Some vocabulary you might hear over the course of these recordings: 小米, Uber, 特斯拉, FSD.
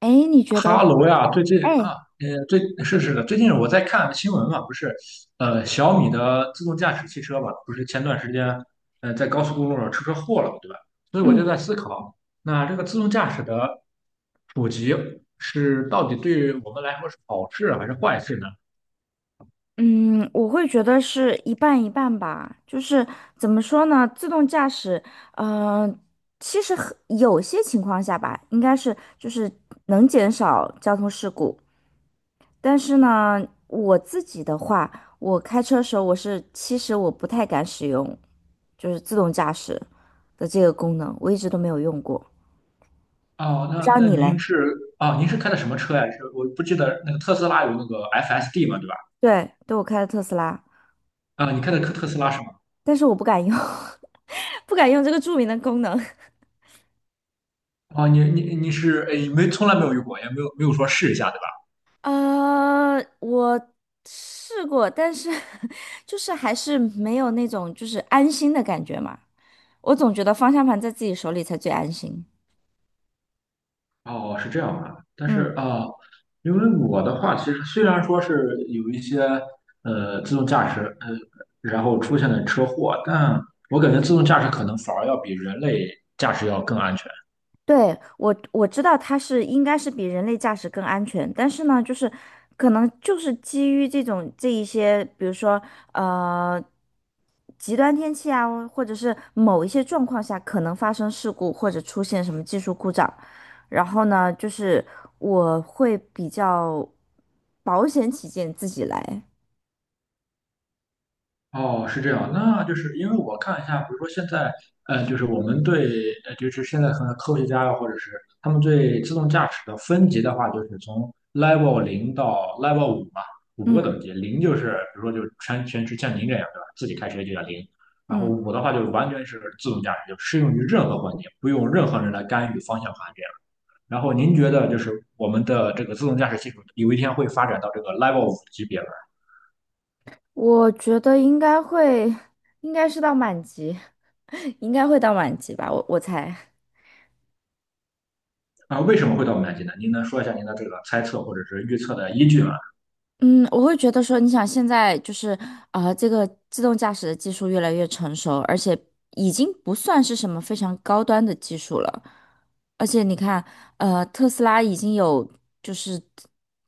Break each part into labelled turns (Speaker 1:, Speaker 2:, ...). Speaker 1: 哎，你觉得？
Speaker 2: 哈喽呀，最近啊，
Speaker 1: 哎，
Speaker 2: 最是是的，最近我在看新闻嘛，不是，小米的自动驾驶汽车嘛，不是前段时间，在高速公路上出车祸了嘛，对吧？所以我就
Speaker 1: 嗯
Speaker 2: 在思考，那这个自动驾驶的普及是到底对我们来说是好事啊还是坏事呢？
Speaker 1: 嗯，我会觉得是一半一半吧。就是怎么说呢？自动驾驶，嗯，其实很有些情况下吧，应该是就是能减少交通事故。但是呢，我自己的话，我开车的时候，其实我不太敢使用，就是自动驾驶的这个功能，我一直都没有用过。
Speaker 2: 哦，
Speaker 1: 不知
Speaker 2: 那
Speaker 1: 道
Speaker 2: 那
Speaker 1: 你
Speaker 2: 您
Speaker 1: 嘞？
Speaker 2: 是。啊，您是开的什么车呀？是我不记得那个特斯拉有那个 FSD 嘛，对吧？
Speaker 1: 对，我开的特斯拉。
Speaker 2: 啊，你开的特斯拉是吗？
Speaker 1: 但是我不敢用，不敢用这个著名的功能。
Speaker 2: 啊，你是，哎，没从来没有用过，也没有说试一下对吧？
Speaker 1: 我试过，但是 就是还是没有那种就是安心的感觉嘛。我总觉得方向盘在自己手里才最安心。
Speaker 2: 哦，是这样啊，但是
Speaker 1: 嗯。
Speaker 2: 啊。因为我的话，其实虽然说是有一些自动驾驶，然后出现了车祸，但我感觉自动驾驶可能反而要比人类驾驶要更安全。
Speaker 1: 对，我知道它是应该是比人类驾驶更安全，但是呢，就是可能就是基于这种这一些，比如说呃极端天气啊，或者是某一些状况下可能发生事故或者出现什么技术故障，然后呢，就是我会比较保险起见自己来。
Speaker 2: 哦，是这样，那就是因为我看一下，比如说现在，就是我们对，就是现在可能科学家啊，或者是他们对自动驾驶的分级的话，就是从 Level 0到 Level 五嘛，五个
Speaker 1: 嗯。
Speaker 2: 等级，零就是比如说就是全是像您这样，对吧？自己开车就叫零，然后
Speaker 1: 嗯，
Speaker 2: 五的话就是完全是自动驾驶，就适用于任何环境，不用任何人来干预方向盘这样。然后您觉得就是我们的这个自动驾驶技术有一天会发展到这个 Level 五级别吗？
Speaker 1: 我觉得应该会，应该是到满级，应该会到满级吧，我猜。
Speaker 2: 啊，为什么会到五年级呢？您能说一下您的这个猜测或者是预测的依据吗？
Speaker 1: 嗯，我会觉得说，你想现在就是这个自动驾驶的技术越来越成熟，而且已经不算是什么非常高端的技术了。而且你看，特斯拉已经有就是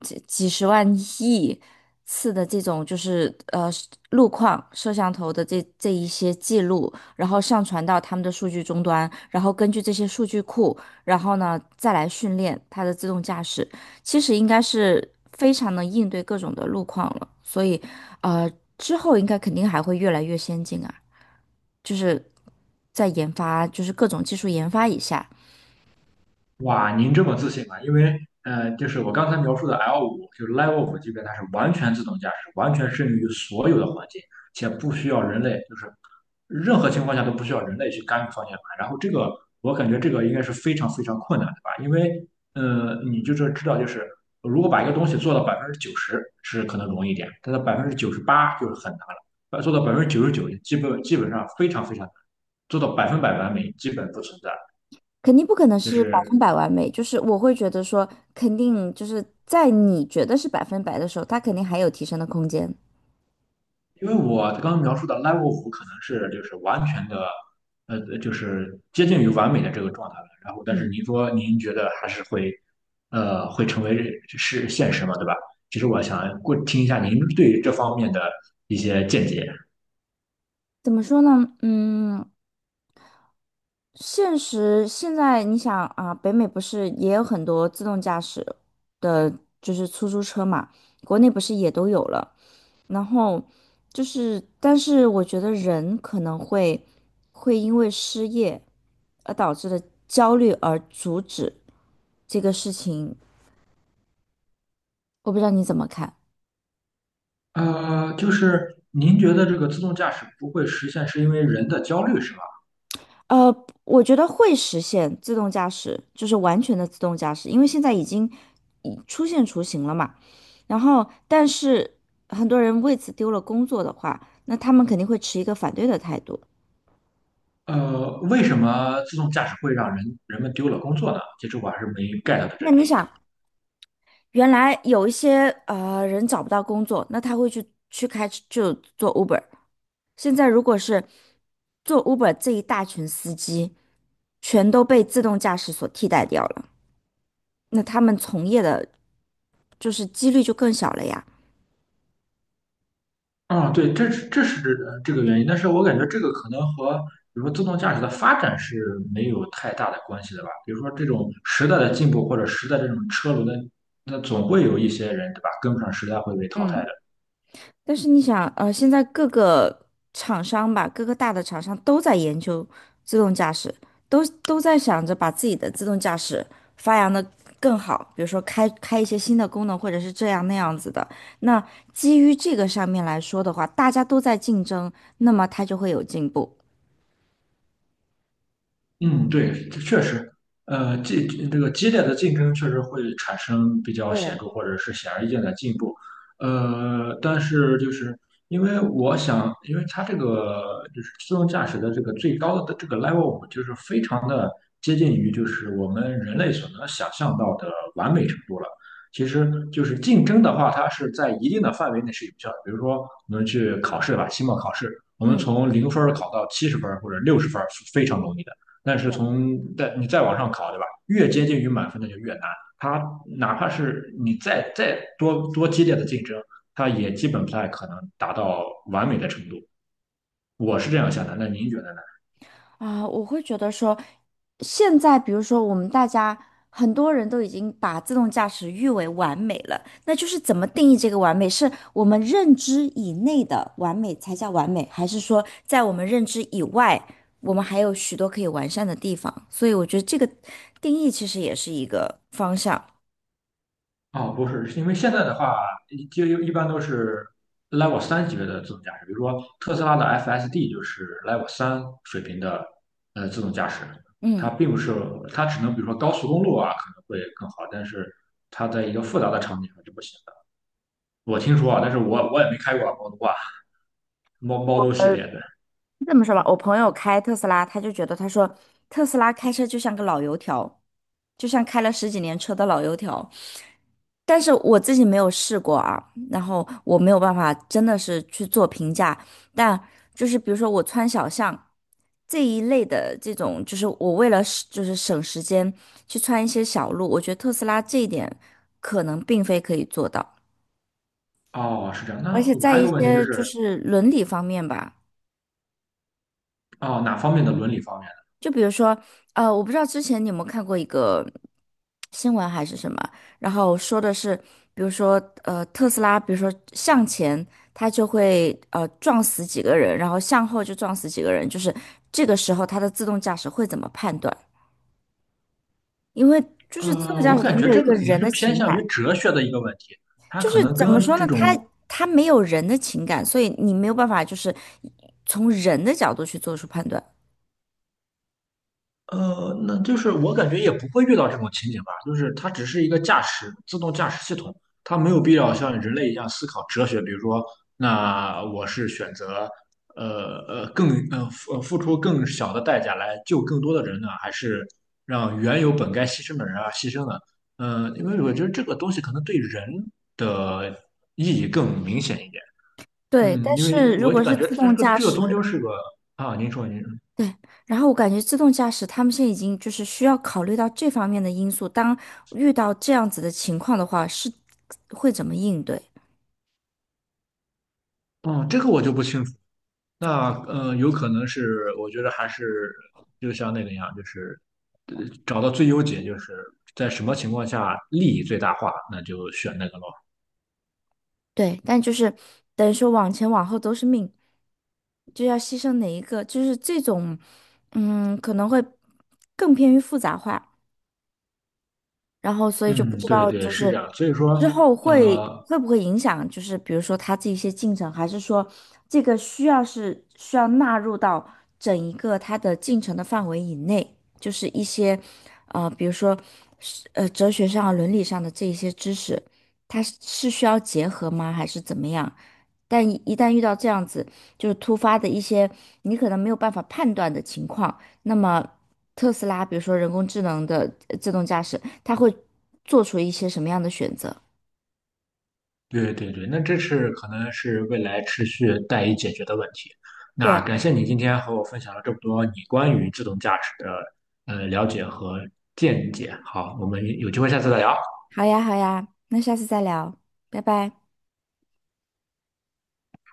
Speaker 1: 几十万亿次的这种就是路况摄像头的这一些记录，然后上传到他们的数据终端，然后根据这些数据库，然后呢再来训练它的自动驾驶。其实应该是非常能应对各种的路况了，所以，呃，之后应该肯定还会越来越先进啊，就是在研发，就是各种技术研发一下，
Speaker 2: 哇，您这么自信啊？因为就是我刚才描述的 l 五，就是 Level 5级别，它是完全自动驾驶，完全适应于所有的环境，且不需要人类，就是任何情况下都不需要人类去干预方向盘。然后这个，我感觉这个应该是非常非常困难的吧？因为你就是知道，就是如果把一个东西做到百分之九十是可能容易一点，但是98%就是很难了，做到99%，基本上非常非常难。做到百分百完美基本不存在，
Speaker 1: 肯定不可能
Speaker 2: 就
Speaker 1: 是百分
Speaker 2: 是
Speaker 1: 百完美，就是我会觉得说，肯定就是在你觉得是百分百的时候，它肯定还有提升的空间。
Speaker 2: 因为我刚刚描述的 level 五可能是就是完全的，就是接近于完美的这个状态了。然后，但
Speaker 1: 嗯，
Speaker 2: 是您说您觉得还是会，会成为是现实嘛，对吧？其实我想过听一下您对于这方面的一些见解。
Speaker 1: 怎么说呢？嗯，现实现在你想啊，北美不是也有很多自动驾驶的，就是出租车嘛，国内不是也都有了。然后就是，但是我觉得人可能会因为失业而导致的焦虑而阻止这个事情，我不知道你怎么看。
Speaker 2: 就是您觉得这个自动驾驶不会实现，是因为人的焦虑是吧？
Speaker 1: 呃，我觉得会实现自动驾驶，就是完全的自动驾驶，因为现在已经已出现雏形了嘛。然后，但是很多人为此丢了工作的话，那他们肯定会持一个反对的态度。
Speaker 2: 为什么自动驾驶会让人们丢了工作呢？其实我还是没 get 到这
Speaker 1: 那
Speaker 2: 这
Speaker 1: 你
Speaker 2: 一
Speaker 1: 想？原来有一些人找不到工作，那他会去开就做 Uber。现在如果是做 Uber 这一大群司机，全都被自动驾驶所替代掉了，那他们从业的就是几率就更小了呀。
Speaker 2: 啊，对，这是这是这这个原因，但是我感觉这个可能和比如说自动驾驶的发展是没有太大的关系的吧。比如说这种时代的进步或者时代这种车轮的，那总会有一些人对吧跟不上时代会被淘汰
Speaker 1: 嗯。
Speaker 2: 的。
Speaker 1: 但是你想，现在各个厂商吧，各个大的厂商都在研究自动驾驶，都在想着把自己的自动驾驶发扬的更好，比如说开一些新的功能，或者是这样那样子的。那基于这个上面来说的话，大家都在竞争，那么它就会有进步。
Speaker 2: 嗯，对，这确实，呃，激这个激烈的竞争确实会产生比较显
Speaker 1: 对，
Speaker 2: 著或者是显而易见的进步，但是就是因为我想，因为它这个就是自动驾驶的这个最高的这个 level 五，就是非常的接近于就是我们人类所能想象到的完美程度了。其实就是竞争的话，它是在一定的范围内是有效的，比如说我们去考试吧，期末考试，我们
Speaker 1: 嗯。
Speaker 2: 从零分儿考到70分儿或者60分儿是非常容易的。但是从再你再往上考，对吧？越接近于满分的就越难。它哪怕是你再多激烈的竞争，它也基本不太可能达到完美的程度。我是这样想的，那您觉得呢？
Speaker 1: 啊，我会觉得说，现在比如说我们大家很多人都已经把自动驾驶誉为完美了，那就是怎么定义这个完美？是我们认知以内的完美才叫完美，还是说在我们认知以外，我们还有许多可以完善的地方？所以我觉得这个定义其实也是一个方向。
Speaker 2: 哦，不是，是因为现在的话，就一般都是 Level 三级别的自动驾驶，比如说特斯拉的 FSD 就是 Level 3水平的自动驾驶，它
Speaker 1: 嗯，
Speaker 2: 并不是，它只能比如说高速公路啊可能会更好，但是它在一个复杂的场景上就不行。我听说啊，但是我也没开过啊猫奴啊，猫奴系列的。
Speaker 1: 这么说吧，我朋友开特斯拉，他就觉得他说特斯拉开车就像个老油条，就像开了十几年车的老油条。但是我自己没有试过啊，然后我没有办法真的是去做评价，但就是比如说我穿小巷这一类的这种，就是我为了省就是省时间去穿一些小路，我觉得特斯拉这一点可能并非可以做到，
Speaker 2: 哦，是这样。
Speaker 1: 而
Speaker 2: 那
Speaker 1: 且
Speaker 2: 我
Speaker 1: 在
Speaker 2: 还有
Speaker 1: 一
Speaker 2: 个问题就
Speaker 1: 些就
Speaker 2: 是，
Speaker 1: 是伦理方面吧。
Speaker 2: 哦，哪方面的伦理方面
Speaker 1: 就比如说，我不知道之前你有没有看过一个新闻还是什么，然后说的是，比如说，特斯拉，比如说向前，它就会撞死几个人，然后向后就撞死几个人，就是这个时候它的自动驾驶会怎么判断？因为就
Speaker 2: 的？
Speaker 1: 是自动驾
Speaker 2: 我
Speaker 1: 驶它
Speaker 2: 感觉
Speaker 1: 没有一
Speaker 2: 这个
Speaker 1: 个
Speaker 2: 可能
Speaker 1: 人
Speaker 2: 是
Speaker 1: 的
Speaker 2: 偏
Speaker 1: 情
Speaker 2: 向
Speaker 1: 感，
Speaker 2: 于哲学的一个问题，它
Speaker 1: 就
Speaker 2: 可
Speaker 1: 是
Speaker 2: 能
Speaker 1: 怎么
Speaker 2: 跟
Speaker 1: 说
Speaker 2: 这
Speaker 1: 呢，
Speaker 2: 种
Speaker 1: 它没有人的情感，所以你没有办法就是从人的角度去做出判断。
Speaker 2: 那就是我感觉也不会遇到这种情景吧，就是它只是一个驾驶自动驾驶系统，它没有必要像人类一样思考哲学，比如说，那我是选择更付出更小的代价来救更多的人呢，还是让原有本该牺牲的人啊牺牲呢？嗯，因为我觉得这个东西可能对人的意义更明显一点。
Speaker 1: 对，
Speaker 2: 嗯，
Speaker 1: 但
Speaker 2: 因为
Speaker 1: 是如
Speaker 2: 我就
Speaker 1: 果是
Speaker 2: 感觉
Speaker 1: 自
Speaker 2: 它这
Speaker 1: 动
Speaker 2: 个
Speaker 1: 驾
Speaker 2: 这个终究
Speaker 1: 驶。
Speaker 2: 是个啊，您说您说。
Speaker 1: 对，然后我感觉自动驾驶他们现在已经就是需要考虑到这方面的因素，当遇到这样子的情况的话，是会怎么应对？
Speaker 2: 哦，这个我就不清楚。那嗯，有可能是，我觉得还是就像那个一样，就是呃找到最优解，就是在什么情况下利益最大化，那就选那个咯。
Speaker 1: 对，但就是等于说往前往后都是命，就要牺牲哪一个，就是这种，嗯，可能会更偏于复杂化。然后所以就不
Speaker 2: 嗯，
Speaker 1: 知
Speaker 2: 对
Speaker 1: 道
Speaker 2: 对，
Speaker 1: 就
Speaker 2: 是
Speaker 1: 是
Speaker 2: 这样。所以
Speaker 1: 之
Speaker 2: 说，
Speaker 1: 后
Speaker 2: 呃，
Speaker 1: 会不会影响，就是比如说他这一些进程，还是说这个需要纳入到整一个他的进程的范围以内，就是一些比如说哲学上啊伦理上的这一些知识，它需要结合吗，还是怎么样？但一旦遇到这样子，就是突发的一些你可能没有办法判断的情况，那么特斯拉，比如说人工智能的自动驾驶，它会做出一些什么样的选择？
Speaker 2: 对对对，那这是可能是未来持续待以解决的问题。那
Speaker 1: 对，
Speaker 2: 感谢你今天和我分享了这么多你关于自动驾驶的了解和见解。好，我们有机会下次再聊。
Speaker 1: 好呀，好呀，那下次再聊，拜拜。